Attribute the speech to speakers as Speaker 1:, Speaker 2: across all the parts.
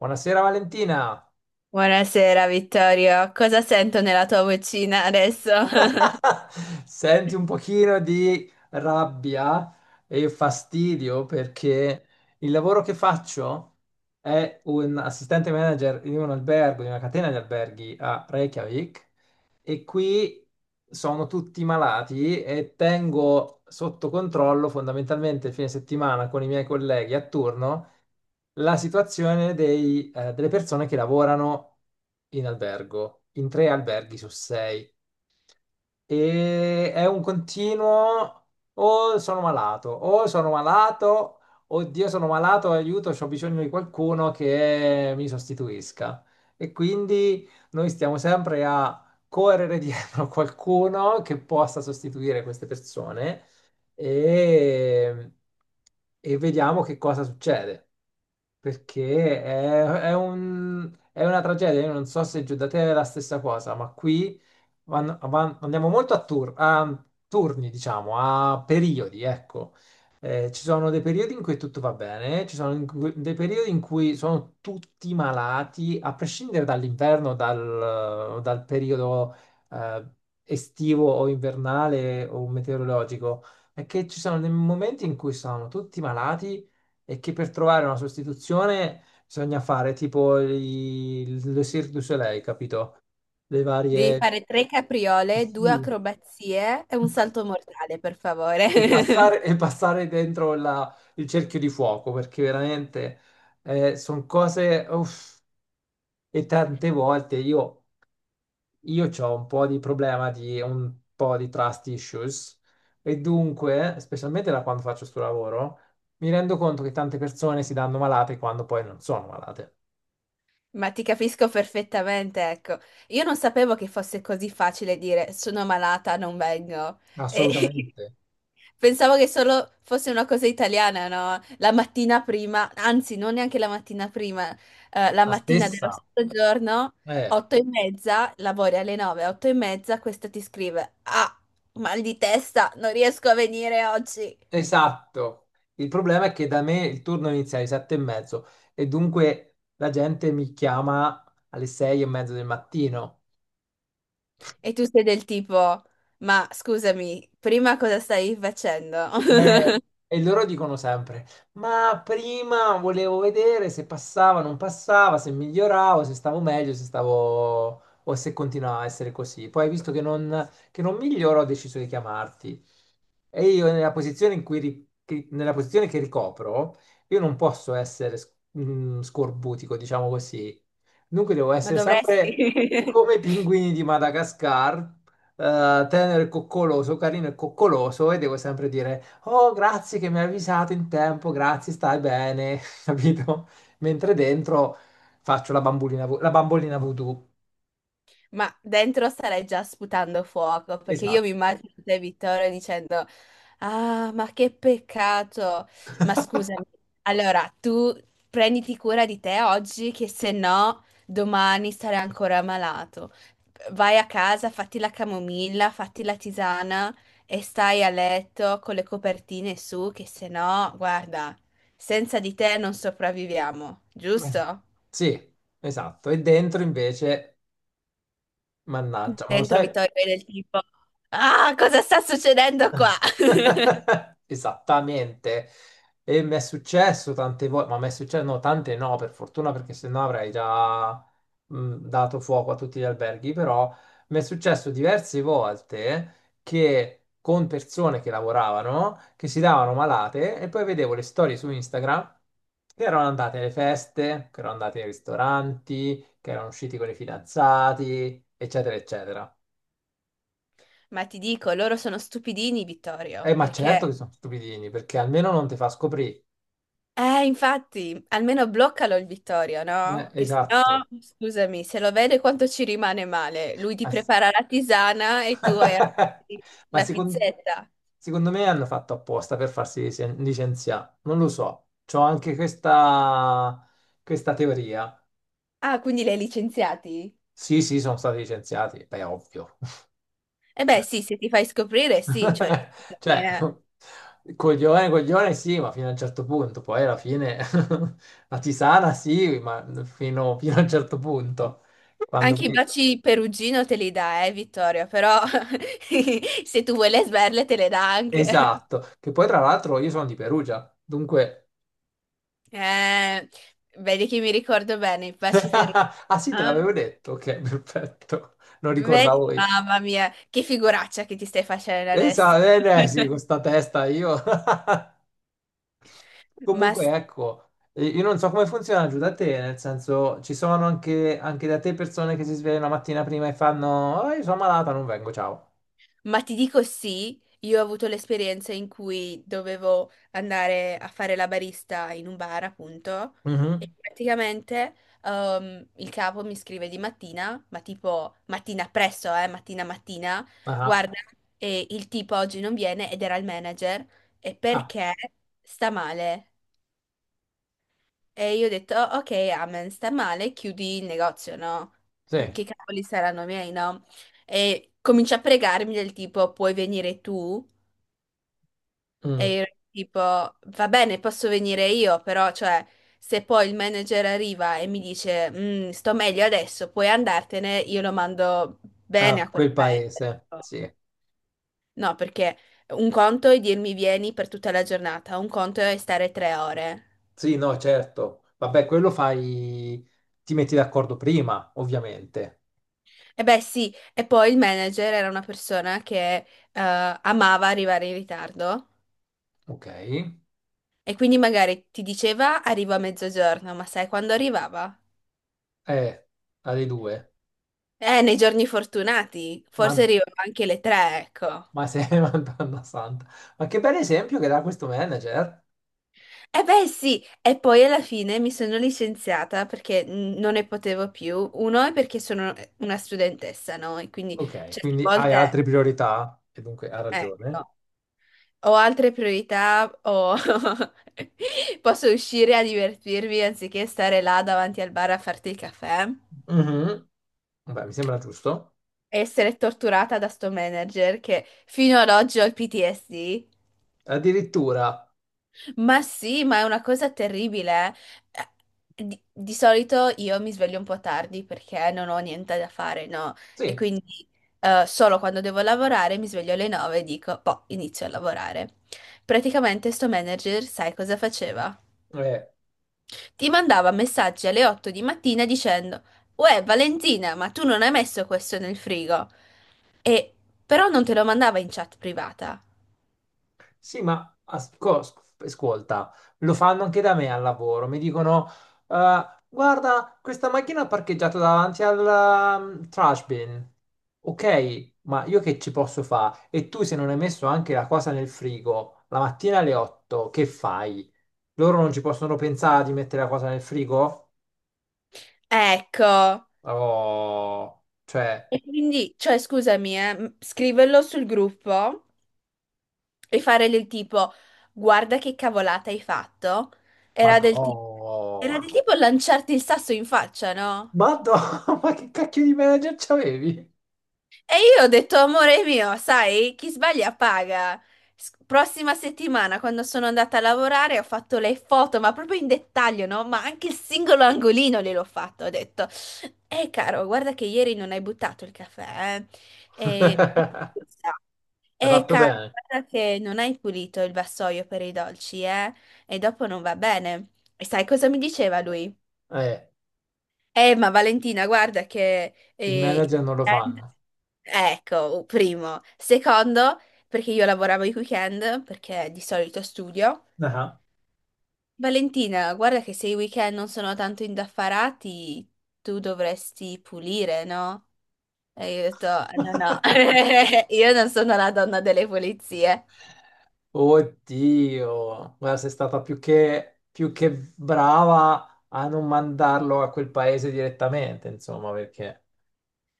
Speaker 1: Buonasera Valentina.
Speaker 2: Buonasera Vittorio, cosa sento nella tua vocina adesso?
Speaker 1: Senti un pochino di rabbia e fastidio perché il lavoro che faccio è un assistente manager in un albergo, in una catena di alberghi a Reykjavik, e qui sono tutti malati e tengo sotto controllo fondamentalmente il fine settimana con i miei colleghi a turno la situazione delle persone che lavorano in albergo, in tre alberghi su sei. E è un continuo: o sono malato, oddio sono malato, aiuto, ho bisogno di qualcuno che mi sostituisca. E quindi noi stiamo sempre a correre dietro a qualcuno che possa sostituire queste persone, e, e vediamo che cosa succede. Perché è una tragedia. Io non so se giù da te è la stessa cosa, ma qui andiamo molto a turni, diciamo, a periodi, ecco. Ci sono dei periodi in cui tutto va bene, ci sono in cui- dei periodi in cui sono tutti malati, a prescindere dall'inverno, dal periodo eh, estivo o invernale o meteorologico. È che ci sono dei momenti in cui sono tutti malati e che per trovare una sostituzione bisogna fare tipo il Cirque du Soleil, capito? Le
Speaker 2: Devi
Speaker 1: varie,
Speaker 2: fare tre capriole, due
Speaker 1: sì.
Speaker 2: acrobazie e un salto mortale, per favore.
Speaker 1: E passare dentro il cerchio di fuoco, perché veramente sono cose... uff, e tante volte io ho un po' di problema di un po' di trust issues. E dunque, specialmente da quando faccio sto lavoro, mi rendo conto che tante persone si danno malate quando poi non sono malate.
Speaker 2: Ma ti capisco perfettamente, ecco. Io non sapevo che fosse così facile dire sono malata, non vengo. E
Speaker 1: Assolutamente.
Speaker 2: pensavo che solo fosse una cosa italiana, no? La mattina prima, anzi, non neanche la mattina prima, la
Speaker 1: La
Speaker 2: mattina dello
Speaker 1: stessa.
Speaker 2: stesso giorno,
Speaker 1: Eh.
Speaker 2: 8:30, lavori alle 9, 8:30, questa ti scrive, ah, mal di testa, non riesco a venire oggi.
Speaker 1: Esatto, il problema è che da me il turno inizia alle 7:30, e dunque la gente mi chiama alle 6:30 del mattino.
Speaker 2: E tu sei del tipo, ma scusami, prima cosa stai facendo?
Speaker 1: Eh, e loro dicono sempre, ma prima volevo vedere se passava, non passava, se miglioravo, se stavo meglio, se stavo o se continuava a essere così. Poi visto che non miglioro ho deciso di chiamarti. E io nella posizione che ricopro, io non posso essere scorbutico, diciamo così. Dunque devo
Speaker 2: Ma
Speaker 1: essere sempre
Speaker 2: dovresti.
Speaker 1: come i pinguini di Madagascar, tenero e coccoloso, carino e coccoloso, e devo sempre dire, oh, grazie che mi hai avvisato in tempo, grazie, stai bene, capito? Mentre dentro faccio la bambolina voodoo.
Speaker 2: Ma dentro starei già sputando fuoco, perché io
Speaker 1: Esatto.
Speaker 2: mi immagino te, Vittorio, dicendo, ah, ma che peccato. Ma scusami, allora tu prenditi cura di te oggi, che se no domani sarai ancora malato. Vai a casa, fatti la camomilla, fatti la tisana e stai a letto con le copertine su, che se no, guarda, senza di te non sopravviviamo, giusto?
Speaker 1: Sì, esatto. E dentro invece, mannaggia, ma lo
Speaker 2: Dentro
Speaker 1: sai?
Speaker 2: Vittorio è del tipo, ah, cosa sta succedendo qua?
Speaker 1: Esattamente, e mi è successo tante volte, ma mi è successo, no, tante no, per fortuna, perché sennò avrei già dato fuoco a tutti gli alberghi, però mi è successo diverse volte che con persone che lavoravano, che si davano malate, e poi vedevo le storie su Instagram che erano andate alle feste, che erano andate ai ristoranti, che erano usciti con i fidanzati, eccetera, eccetera.
Speaker 2: Ma ti dico, loro sono stupidini, Vittorio,
Speaker 1: Ma certo
Speaker 2: perché,
Speaker 1: che sono stupidini, perché almeno non ti fa scoprire.
Speaker 2: infatti, almeno bloccalo il Vittorio, no? Che se no,
Speaker 1: Esatto.
Speaker 2: scusami, se lo vede quanto ci rimane male. Lui ti
Speaker 1: Ass-
Speaker 2: prepara la tisana e tu
Speaker 1: Ma
Speaker 2: la pizzetta.
Speaker 1: secondo me hanno fatto apposta per farsi licenziare. Non lo so. C'ho anche questa teoria.
Speaker 2: Ah, quindi li hai licenziati?
Speaker 1: Sì, sì, sono stati licenziati. Beh, ovvio.
Speaker 2: Eh beh, sì, se ti fai scoprire, sì, cioè, scusami,
Speaker 1: Cioè,
Speaker 2: eh.
Speaker 1: coglione, coglione, sì, ma fino a un certo punto. Poi alla fine la tisana, sì, ma fino a un certo punto. Quando
Speaker 2: Anche i
Speaker 1: poi-
Speaker 2: baci perugino te li dà, Vittorio, però se tu vuoi le sberle te le dà anche.
Speaker 1: Esatto. Che poi, tra l'altro, io sono di Perugia. Dunque...
Speaker 2: Eh, vedi che mi ricordo bene, i baci perugino.
Speaker 1: Ah sì, te
Speaker 2: Ah,
Speaker 1: l'avevo detto. Ok, perfetto. Non
Speaker 2: vedi,
Speaker 1: ricordavo io.
Speaker 2: mamma mia, che figuraccia che ti stai facendo adesso.
Speaker 1: Esatto, sì, con sta testa io.
Speaker 2: Ma sì.
Speaker 1: Comunque, ecco, io non so come funziona giù da te, nel senso, ci sono anche da te persone che si svegliano la mattina prima e fanno, "Ah, io sono malata, non vengo, ciao."
Speaker 2: Ma ti dico sì, io ho avuto l'esperienza in cui dovevo andare a fare la barista in un bar, appunto,
Speaker 1: Mhm.
Speaker 2: e praticamente il capo mi scrive di mattina, ma tipo mattina presto, mattina mattina,
Speaker 1: Ah,
Speaker 2: guarda, e il tipo oggi non viene ed era il manager, e
Speaker 1: ah,
Speaker 2: perché sta male? E io ho detto, "Oh, ok, amen, sta male, chiudi il negozio, no?
Speaker 1: sì.
Speaker 2: Che cavoli saranno miei, no? E comincia a pregarmi del tipo, puoi venire tu? E
Speaker 1: Mm.
Speaker 2: io ero tipo, va bene, posso venire io, però, cioè, se poi il manager arriva e mi dice, "Mm, sto meglio adesso, puoi andartene, io lo mando bene
Speaker 1: Ah,
Speaker 2: a quel
Speaker 1: quel
Speaker 2: paese.
Speaker 1: paese, sì.
Speaker 2: No, perché un conto è dirmi vieni per tutta la giornata, un conto è stare 3 ore.
Speaker 1: Sì, no, certo. Vabbè, quello fai, ti metti d'accordo prima, ovviamente.
Speaker 2: E beh, sì, e poi il manager era una persona che amava arrivare in ritardo
Speaker 1: Ok.
Speaker 2: e quindi magari ti diceva arrivo a mezzogiorno, ma sai quando arrivava?
Speaker 1: Eh, alle due.
Speaker 2: Nei giorni fortunati, forse
Speaker 1: Ma,
Speaker 2: arrivano anche le 3, ecco.
Speaker 1: ma sei Madonna santa. Ma che bel esempio che dà questo manager.
Speaker 2: Eh beh sì, e poi alla fine mi sono licenziata perché non ne potevo più. Uno è perché sono una studentessa, no? E quindi
Speaker 1: Ok,
Speaker 2: certe
Speaker 1: quindi hai
Speaker 2: volte,
Speaker 1: altre priorità e dunque ha ragione.
Speaker 2: ecco, ho altre priorità o posso uscire a divertirmi anziché stare là davanti al bar a farti il caffè
Speaker 1: Mhm. Beh, mi sembra giusto.
Speaker 2: e essere torturata da sto manager che fino ad oggi ho il PTSD.
Speaker 1: Addirittura,
Speaker 2: Ma sì, ma è una cosa terribile, eh. Di solito io mi sveglio un po' tardi perché non ho niente da fare, no? E
Speaker 1: sì,
Speaker 2: quindi solo quando devo lavorare mi sveglio alle 9 e dico, boh, inizio a lavorare. Praticamente sto manager, sai cosa faceva?
Speaker 1: eh,
Speaker 2: Ti mandava messaggi alle 8 di mattina dicendo, uè, Valentina, ma tu non hai messo questo nel frigo. E però non te lo mandava in chat privata.
Speaker 1: Sì, ma ascolta, lo fanno anche da me al lavoro. Mi dicono, guarda, questa macchina è parcheggiata davanti al trash bin." Ok, ma io che ci posso fare? E tu se non hai messo anche la cosa nel frigo, la mattina alle 8, che fai? Loro non ci possono pensare di mettere la cosa nel frigo?
Speaker 2: Ecco.
Speaker 1: Oh, cioè,
Speaker 2: E quindi, cioè, scusami, scriverlo sul gruppo e fare del tipo, guarda che cavolata hai fatto, era del
Speaker 1: madò,
Speaker 2: tipo, era del tipo lanciarti il sasso in faccia, no?
Speaker 1: madò, ma che cacchio di manager c'avevi?
Speaker 2: E io ho detto, amore mio, sai, chi sbaglia paga. Prossima settimana, quando sono andata a lavorare, ho fatto le foto, ma proprio in dettaglio, no? Ma anche il singolo angolino gliel'ho fatto. Ho detto, caro, guarda che ieri non hai buttato il caffè, eh. E...
Speaker 1: Hai
Speaker 2: E
Speaker 1: fatto
Speaker 2: cara,
Speaker 1: bene.
Speaker 2: guarda che non hai pulito il vassoio per i dolci, eh? E dopo non va bene. E sai cosa mi diceva lui?
Speaker 1: Eh,
Speaker 2: Ma Valentina, guarda che.
Speaker 1: il manager non lo fanno.
Speaker 2: Ecco, primo. Secondo, perché io lavoravo i weekend, perché di solito studio.
Speaker 1: Ah,
Speaker 2: Valentina, guarda che se i weekend non sono tanto indaffarati, tu dovresti pulire, no? E io ho detto, no, no, io non sono la donna delle pulizie.
Speaker 1: Oddio, guarda, sei stata più che brava a non mandarlo a quel paese direttamente, insomma, perché...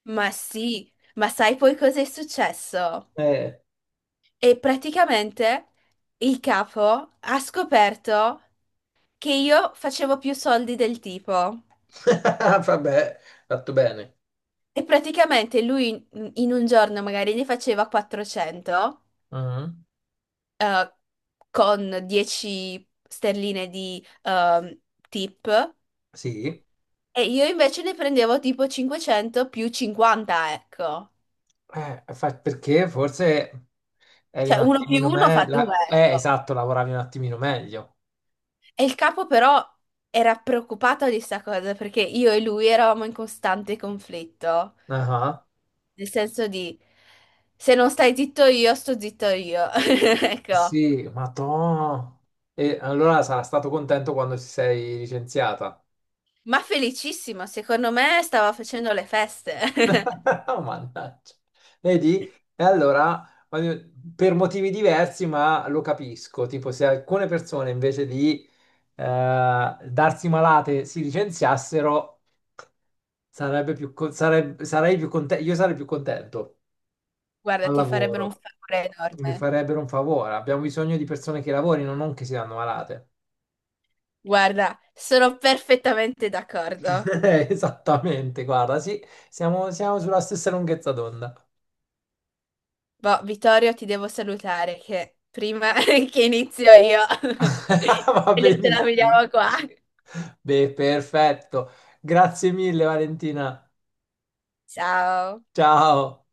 Speaker 2: Ma sì, ma sai poi cosa è successo?
Speaker 1: Eh,
Speaker 2: E praticamente il capo ha scoperto che io facevo più soldi del tipo.
Speaker 1: vabbè, fatto bene.
Speaker 2: E praticamente lui in un giorno magari ne faceva 400
Speaker 1: Mhm.
Speaker 2: eh, con 10 sterline di tip
Speaker 1: Sì.
Speaker 2: e io invece ne prendevo tipo 500 più 50, ecco.
Speaker 1: Perché forse eri un
Speaker 2: Cioè uno più
Speaker 1: attimino
Speaker 2: uno fa due,
Speaker 1: meglio...
Speaker 2: ecco.
Speaker 1: esatto, lavoravi un attimino meglio.
Speaker 2: E il capo però era preoccupato di sta cosa perché io e lui eravamo in costante conflitto,
Speaker 1: Ah.
Speaker 2: nel senso di se non stai zitto io, sto zitto io. Ecco.
Speaker 1: Sì, ma to... E allora sarà stato contento quando ti sei licenziata.
Speaker 2: Ma felicissimo, secondo me stava facendo le feste.
Speaker 1: Mannaggia. Vedi? E allora, per motivi diversi, ma lo capisco. Tipo, se alcune persone invece di darsi malate si licenziassero, sarebbe più, co- sareb- sarei più contento, io sarei più contento
Speaker 2: Guarda,
Speaker 1: al
Speaker 2: ti farebbero un
Speaker 1: lavoro.
Speaker 2: favore
Speaker 1: Mi
Speaker 2: enorme.
Speaker 1: farebbero un favore. Abbiamo bisogno di persone che lavorino, non che si danno malate.
Speaker 2: Guarda, sono perfettamente d'accordo.
Speaker 1: Esattamente, guarda, sì, siamo sulla stessa lunghezza d'onda.
Speaker 2: Boh, Vittorio, ti devo salutare che prima che inizio io,
Speaker 1: Va
Speaker 2: meglio te la
Speaker 1: benissimo.
Speaker 2: vediamo qua.
Speaker 1: Beh, perfetto. Grazie mille, Valentina.
Speaker 2: Ciao.
Speaker 1: Ciao.